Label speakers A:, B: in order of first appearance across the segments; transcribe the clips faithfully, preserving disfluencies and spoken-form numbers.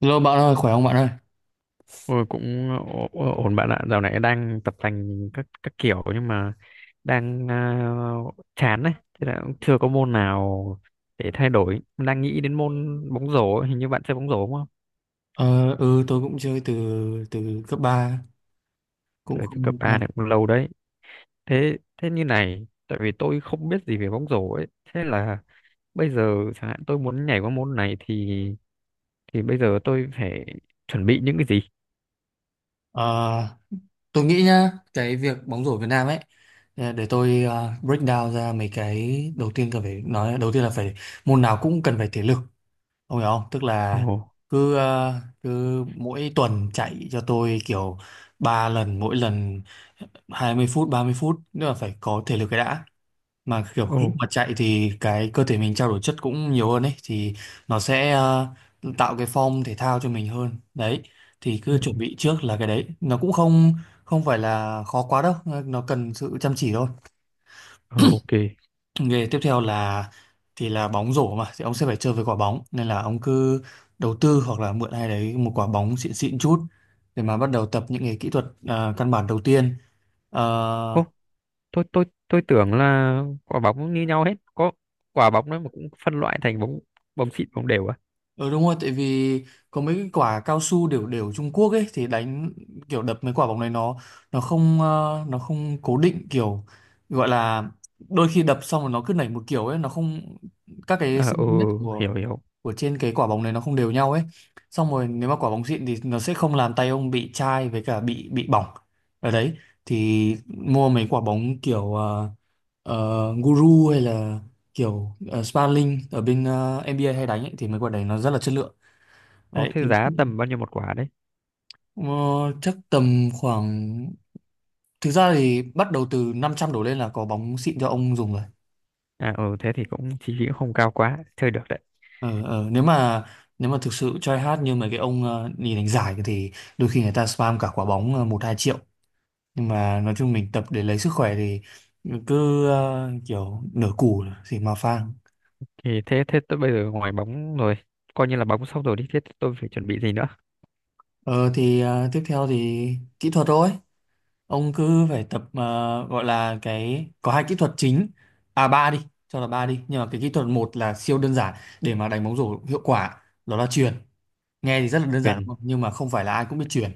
A: Hello bạn ơi, khỏe không bạn ơi?
B: Ôi cũng ổ- ổn bạn ạ, dạo này đang tập tành các các kiểu nhưng mà đang uh, chán đấy, thế là cũng chưa có môn nào để thay đổi. Đang nghĩ đến môn bóng rổ, ấy, hình như bạn chơi bóng rổ đúng không?
A: Ờ, ừ, tôi cũng chơi từ từ cấp ba cũng
B: Từ, từ cấp
A: không.
B: A này cũng lâu đấy. Thế thế như này, tại vì tôi không biết gì về bóng rổ ấy, thế là bây giờ chẳng hạn tôi muốn nhảy qua môn này thì thì bây giờ tôi phải chuẩn bị những cái gì?
A: Ờ, tôi nghĩ nhá, cái việc bóng rổ Việt Nam ấy, ờ, để tôi ờ, break down ra mấy cái đầu tiên, cần phải nói đầu tiên là phải môn nào cũng cần phải thể lực, ông hiểu không? Tức là
B: Ồ,
A: cứ ờ, cứ mỗi tuần chạy cho tôi kiểu ba lần, mỗi lần hai mươi phút, ba mươi phút, nữa là phải có thể lực cái đã. Mà kiểu lúc
B: ồ,
A: mà chạy thì cái cơ thể mình trao đổi chất cũng nhiều hơn ấy, thì nó sẽ ờ, tạo cái form thể thao cho mình hơn đấy, thì
B: ừ,
A: cứ chuẩn bị trước là cái đấy nó cũng không không phải là khó quá đâu, nó cần sự chăm chỉ thôi.
B: ừ, ok.
A: Nghề tiếp theo là, thì là bóng rổ mà thì ông sẽ phải chơi với quả bóng, nên là ông cứ đầu tư hoặc là mượn ai đấy một quả bóng xịn xịn chút, để mà bắt đầu tập những cái kỹ thuật ờ, căn bản đầu tiên. Ờ.
B: tôi tôi tôi tưởng là quả bóng cũng như nhau hết, có quả bóng đó mà cũng phân loại thành bóng bóng xịn bóng đều à.
A: Ừ, đúng rồi, tại vì có mấy cái quả cao su đều đều Trung Quốc ấy, thì đánh kiểu đập mấy quả bóng này nó nó không, ờ, nó không cố định, kiểu gọi là đôi khi đập xong rồi nó cứ nảy một kiểu ấy, nó không các cái
B: Ờ, ừ, ừ,
A: cm của
B: hiểu hiểu.
A: của trên cái quả bóng này nó không đều nhau ấy. Xong rồi nếu mà quả bóng xịn thì nó sẽ không làm tay ông bị chai với cả bị bị bỏng ở đấy. Thì mua mấy quả bóng kiểu ờ, ờ, guru hay là kiểu uh, Sparling ở bên ờ, en bê a hay đánh ấy, thì mấy quả đấy nó rất là chất lượng.
B: Ô
A: Đấy thì
B: thế giá tầm bao nhiêu một quả đấy?
A: ờ, chắc tầm khoảng, thực ra thì bắt đầu từ năm trăm đổ lên là có bóng xịn cho ông dùng rồi.
B: À ừ thế thì cũng chi phí cũng không cao quá, chơi được đấy.
A: ờ, ờ, nếu mà nếu mà thực sự try hard như mấy cái ông ờ, đi đánh giải thì đôi khi người ta spam cả quả bóng ờ, một hai triệu, nhưng mà nói chung mình tập để lấy sức khỏe thì cứ ờ, kiểu nửa củ thì mà phang.
B: Thì thế thế tôi bây giờ ngoài bóng rồi, coi như là bóng xong rồi đi, thế tôi phải chuẩn bị gì nữa?
A: Ờ thì ờ, tiếp theo thì kỹ thuật thôi. Ông cứ phải tập ờ, gọi là cái, có hai kỹ thuật chính. À ba đi, cho là ba đi. Nhưng mà cái kỹ thuật một là siêu đơn giản để mà đánh bóng rổ hiệu quả, đó là chuyền. Nghe thì rất là đơn giản
B: Quyền.
A: đúng không? Nhưng mà không phải là ai cũng biết chuyền.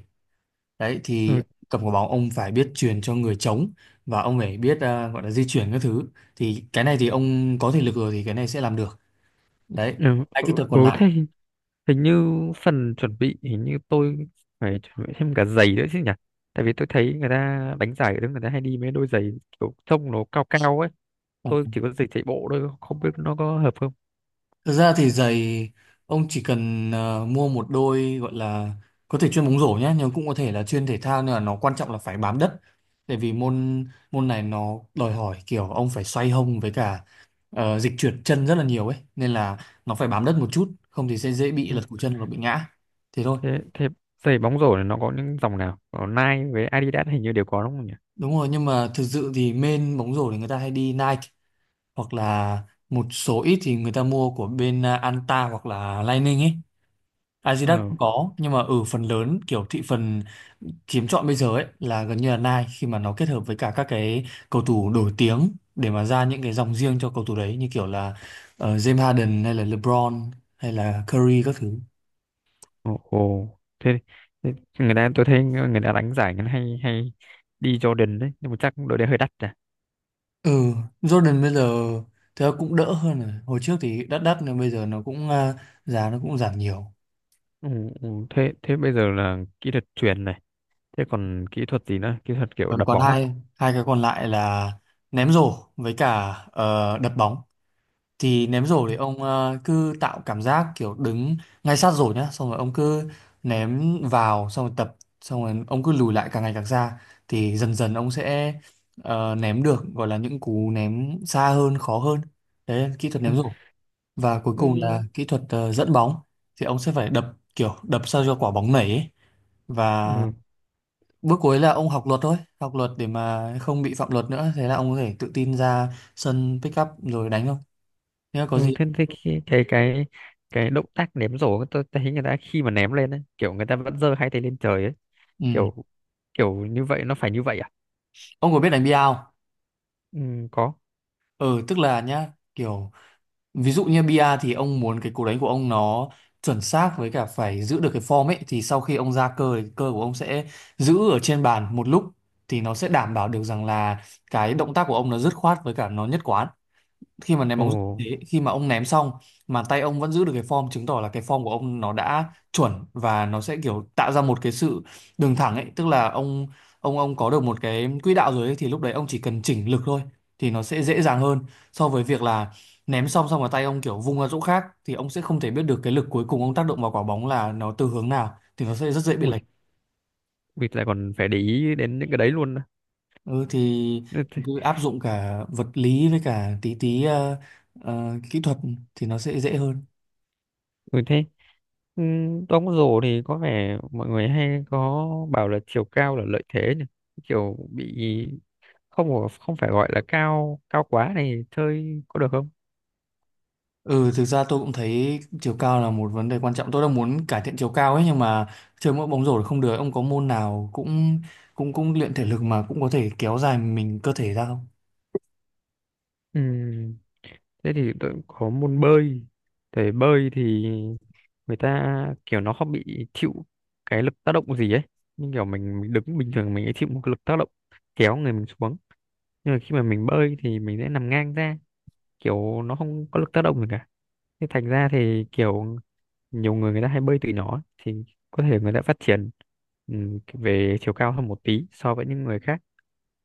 A: Đấy thì
B: Ừ,
A: cầm quả bóng ông phải biết chuyền cho người trống, và ông phải biết ờ, gọi là di chuyển các thứ. Thì cái này thì ông có thể lực rồi thì cái này sẽ làm được. Đấy.
B: ừ,
A: Hai
B: ừ,
A: kỹ thuật
B: ừ,
A: còn
B: thế
A: lại.
B: hình hình như phần chuẩn bị hình như tôi phải chuẩn bị thêm cả giày nữa chứ nhỉ, tại vì tôi thấy người ta đánh giải ở đấy người ta hay đi mấy đôi giày kiểu trông nó cao cao ấy, tôi chỉ có giày chạy bộ thôi không biết nó có hợp không.
A: Thực ra thì giày ông chỉ cần ờ, mua một đôi, gọi là có thể chuyên bóng rổ nhé, nhưng cũng có thể là chuyên thể thao, nhưng mà nó quan trọng là phải bám đất. Tại vì môn môn này nó đòi hỏi kiểu ông phải xoay hông với cả ờ, dịch chuyển chân rất là nhiều ấy, nên là nó phải bám đất một chút, không thì sẽ dễ bị
B: Ừ.
A: lật cổ chân hoặc bị ngã, thế thôi.
B: thế thế giày bóng rổ này nó có những dòng nào, có Nike với Adidas hình như đều có đúng không nhỉ?
A: Đúng rồi, nhưng mà thực sự thì main bóng rổ thì người ta hay đi Nike, hoặc là một số ít thì người ta mua của bên ờ, Anta hoặc là Lining ấy. Adidas
B: Ờ.
A: cũng có nhưng mà ở phần lớn kiểu thị phần chiếm trọn bây giờ ấy là gần như là Nike, khi mà nó kết hợp với cả các cái cầu thủ nổi tiếng để mà ra những cái dòng riêng cho cầu thủ đấy như kiểu là ờ, James Harden hay là LeBron hay là Curry các thứ.
B: Ồ, ồ. Thế, thế người ta tôi thấy người ta đánh giải người hay hay đi Jordan đấy nhưng mà chắc đội đấy hơi đắt à?
A: Ừ, Jordan bây giờ thì cũng đỡ hơn rồi. Hồi trước thì đắt đắt nhưng bây giờ nó cũng à, giá nó cũng giảm nhiều.
B: Ừ, ừ. thế thế bây giờ là kỹ thuật chuyền này, thế còn kỹ thuật gì nữa, kỹ thuật kiểu
A: Còn
B: đập
A: còn
B: bóng à?
A: hai hai cái còn lại là ném rổ với cả ờ, đập bóng. Thì ném rổ
B: Ừ.
A: thì ông ờ, cứ tạo cảm giác kiểu đứng ngay sát rổ nhá, xong rồi ông cứ ném vào, xong rồi tập, xong rồi ông cứ lùi lại càng ngày càng xa, thì dần dần ông sẽ ờ, ném được, gọi là những cú ném xa hơn, khó hơn. Đấy là kỹ thuật ném rổ. Và cuối cùng là
B: Ừ.
A: kỹ thuật ờ, dẫn bóng, thì ông sẽ phải đập, kiểu đập sao cho quả bóng nảy ấy. Và
B: Ừ.
A: bước cuối là ông học luật thôi, học luật để mà không bị phạm luật nữa, thế là ông có thể tự tin ra sân pick up rồi đánh thôi, thế là có
B: Ừ.
A: gì.
B: Thế, thế cái cái cái cái động tác ném rổ tôi thấy người ta khi mà ném lên ấy, kiểu người ta vẫn giơ hai tay lên trời ấy,
A: Ừ.
B: kiểu kiểu như vậy, nó phải như vậy à?
A: Ông có biết đánh bia không?
B: Ừ, có.
A: Ừ, tức là nhá, kiểu ví dụ như bia thì ông muốn cái cú đánh của ông nó chuẩn xác với cả phải giữ được cái form ấy, thì sau khi ông ra cơ thì cơ của ông sẽ giữ ở trên bàn một lúc, thì nó sẽ đảm bảo được rằng là cái động tác của ông nó dứt khoát với cả nó nhất quán. Khi mà ném
B: Ồ.
A: bóng rổ như thế, khi mà ông ném xong mà tay ông vẫn giữ được cái form, chứng tỏ là cái form của ông nó đã chuẩn, và nó sẽ kiểu tạo ra một cái sự đường thẳng ấy, tức là ông, ông ông có được một cái quỹ đạo rồi ấy, thì lúc đấy ông chỉ cần chỉnh lực thôi, thì nó sẽ dễ dàng hơn so với việc là ném xong xong mà tay ông kiểu vung ra chỗ khác, thì ông sẽ không thể biết được cái lực cuối cùng ông tác động vào quả bóng là nó từ hướng nào, thì nó sẽ rất dễ bị lệch.
B: Ui, ui lại còn phải để ý đến những cái đấy luôn à.
A: Ừ, thì
B: Ừ, thế.
A: cứ áp dụng cả vật lý với cả tí tí ờ, ờ, kỹ thuật thì nó sẽ dễ hơn.
B: Ừ, thế. Ừ, đóng rổ thì có vẻ mọi người hay có bảo là chiều cao là lợi thế nhỉ, kiểu bị không có- không phải gọi là cao cao quá này chơi có được không?
A: Ừ, thực ra tôi cũng thấy chiều cao là một vấn đề quan trọng. Tôi đang muốn cải thiện chiều cao ấy nhưng mà chơi mỗi bóng rổ là không được. Ông có môn nào cũng cũng cũng luyện thể lực mà cũng có thể kéo dài mình cơ thể ra không?
B: Ừ, thế thì tôi có môn bơi, thể bơi thì người ta kiểu nó không bị chịu cái lực tác động gì ấy, nhưng kiểu mình, mình đứng bình thường mình ấy chịu một cái lực tác động kéo người mình xuống, nhưng mà khi mà mình bơi thì mình sẽ nằm ngang ra, kiểu nó không có lực tác động gì cả, thế thành ra thì kiểu nhiều người người ta hay bơi từ nhỏ ấy, thì có thể người ta phát triển ừm, về chiều cao hơn một tí so với những người khác,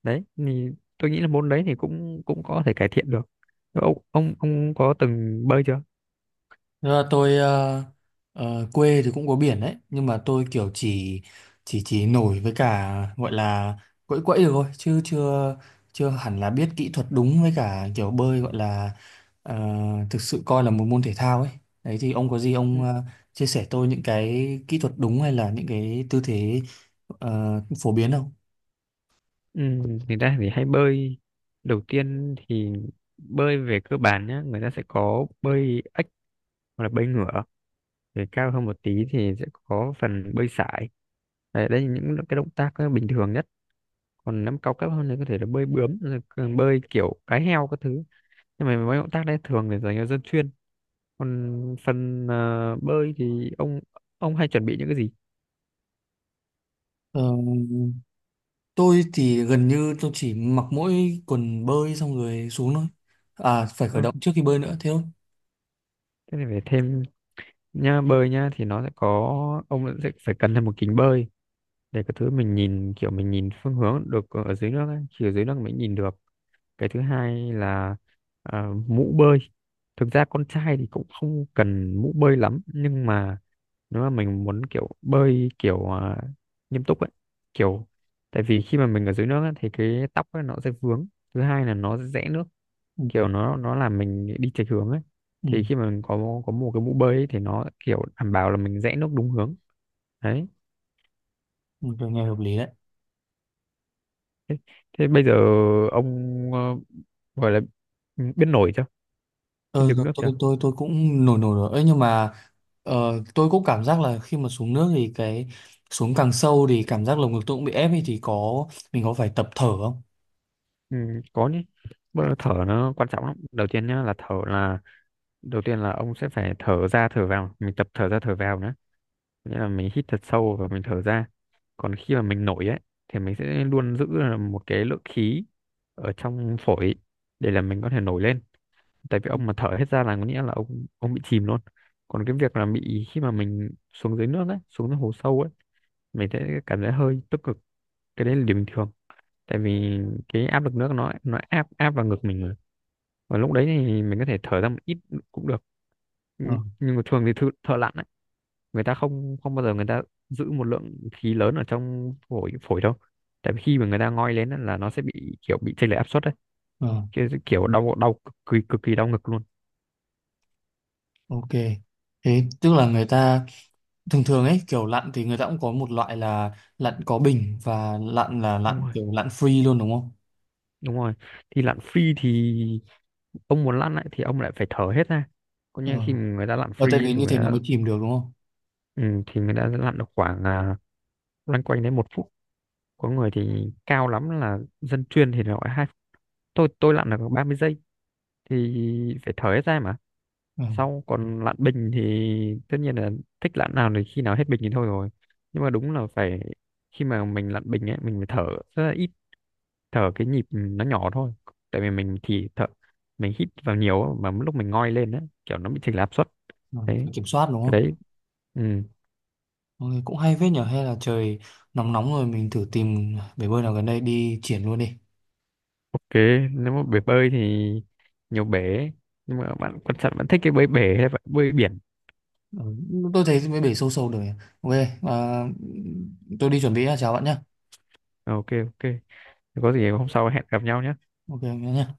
B: đấy thì tôi nghĩ là môn đấy thì cũng cũng có thể cải thiện được. Ông ông ông có từng bơi chưa?
A: Ờ, tôi ờ, ờ, quê thì cũng có biển đấy, nhưng mà tôi kiểu chỉ chỉ chỉ nổi với cả gọi là quẫy quẫy được thôi, chứ chưa chưa hẳn là biết kỹ thuật đúng với cả kiểu bơi, gọi là ờ, thực sự coi là một môn thể thao ấy. Đấy thì ông có gì ông ờ, chia sẻ tôi những cái kỹ thuật đúng hay là những cái tư thế ờ, phổ biến không?
B: Ừ, người ta thì hay bơi, đầu tiên thì bơi về cơ bản nhá, người ta sẽ có bơi ếch hoặc là bơi ngửa, để cao hơn một tí thì sẽ có phần bơi sải, đấy, đây là những cái động tác ờ, bình thường nhất, còn năm cao cấp hơn thì có thể là bơi bướm rồi còn bơi kiểu cá heo các thứ, nhưng mà mấy động tác đấy thường để dành cho dân chuyên. Còn phần ờ, bơi thì ông ông hay chuẩn bị những cái gì?
A: Ờ, tôi thì gần như tôi chỉ mặc mỗi quần bơi xong rồi xuống thôi, à phải khởi
B: Ừ,
A: động trước khi bơi nữa, thế thôi.
B: thế này phải thêm nha, bơi nha thì nó sẽ có, ông sẽ phải cần thêm một kính bơi để cái thứ mình nhìn kiểu mình nhìn phương hướng được ở dưới nước ấy. Chỉ ở dưới nước mới nhìn được. Cái thứ hai là à, mũ bơi. Thực ra con trai thì cũng không cần mũ bơi lắm nhưng mà nếu mà mình muốn kiểu bơi kiểu à, nghiêm túc ấy, kiểu tại vì khi mà mình ở dưới nước ấy, thì cái tóc ấy nó sẽ vướng, thứ hai là nó sẽ rẽ nước,
A: Ừ.
B: kiểu nó nó làm mình đi chệch hướng ấy,
A: Ừ,
B: thì khi mà mình có có một cái mũ bơi ấy, thì nó kiểu đảm bảo là mình rẽ nước đúng hướng. Đấy.
A: tôi nghe hợp lý đấy.
B: Thế bây giờ ông ờ, gọi là ừ, biết nổi chưa? Biết
A: Tôi
B: đứng
A: tôi
B: nước chưa?
A: tôi tôi, tôi cũng nổi nổi rồi. Ấy nhưng mà ờ, tôi cũng cảm giác là khi mà xuống nước thì cái, xuống càng sâu thì cảm giác lồng ngực tôi cũng bị ép ấy, thì có mình có phải tập thở không?
B: Ừ, có nhé. Bây giờ thở nó quan trọng lắm. Đầu tiên nhá là thở là, đầu tiên là ông sẽ phải thở ra thở vào, mình tập thở ra thở vào nữa. Nghĩa là mình hít thật sâu và mình thở ra. Còn khi mà mình nổi ấy thì mình sẽ luôn giữ là một cái lượng khí ở trong phổi để là mình có thể nổi lên. Tại vì ông mà thở hết ra là có nghĩa là ông ông bị chìm luôn. Còn cái việc là bị khi mà mình xuống dưới nước ấy, xuống dưới hồ sâu ấy, mình thấy cảm thấy hơi tức cực, cái đấy là điều bình thường, tại vì cái áp lực nước nó nó áp áp vào ngực mình rồi, và lúc đấy thì mình có thể thở ra một ít cũng được.
A: Ờ,
B: Nh- nhưng mà thường thì thợ, thợ lặn ấy, người ta không không bao giờ người ta giữ một lượng khí lớn ở trong phổi phổi đâu, tại vì khi mà người ta ngoi lên á, là nó sẽ bị kiểu bị chênh lệch áp suất đấy,
A: ờ,
B: kiểu, kiểu đau đau cực kỳ cực kỳ đau ngực luôn.
A: ok. Thế tức là người ta thường thường ấy kiểu lặn thì người ta cũng có một loại là lặn có bình và lặn là
B: Đúng
A: lặn
B: rồi,
A: kiểu lặn free luôn đúng không?
B: đúng rồi, thì lặn free thì ông muốn lặn lại thì ông lại phải thở hết ra. Còn
A: Ờ.
B: như khi mà người ta lặn
A: Ờ, tại
B: free ấy,
A: vì
B: thì
A: như
B: người
A: thế nó
B: ta,
A: mới chìm được đúng không?
B: ừ, thì mình đã lặn được khoảng à, loanh quanh đến một phút, có người thì cao lắm là dân chuyên thì gọi hai phút. tôi tôi lặn được ba mươi giây thì phải thở hết ra mà.
A: Ờ,
B: Sau còn lặn bình thì tất nhiên là thích lặn nào thì khi nào hết bình thì thôi rồi, nhưng mà đúng là phải khi mà mình lặn bình ấy mình phải thở rất là ít, thở cái nhịp nó nhỏ thôi, tại vì mình thì thở, mình hít vào nhiều á, mà lúc mình ngoi lên á kiểu nó bị chệch áp suất
A: ờ,
B: đấy,
A: phải kiểm soát đúng
B: cái
A: không?
B: đấy. Ừ.
A: Mọi cũng hay phết nhở, hay là trời nóng nóng rồi mình thử tìm bể bơi nào gần đây đi triển luôn đi.
B: Ok, nếu mà bể bơi thì nhiều bể, nhưng mà bạn quan trọng bạn thích cái bơi bể hay bạn bơi biển?
A: Ừ, tôi thấy mấy bể sâu sâu rồi. Ok. À, tôi đi chuẩn bị nhá, chào bạn nhá.
B: Ờ, ok ok. Thế có gì hôm sau hẹn gặp nhau nhé.
A: Ok nhá.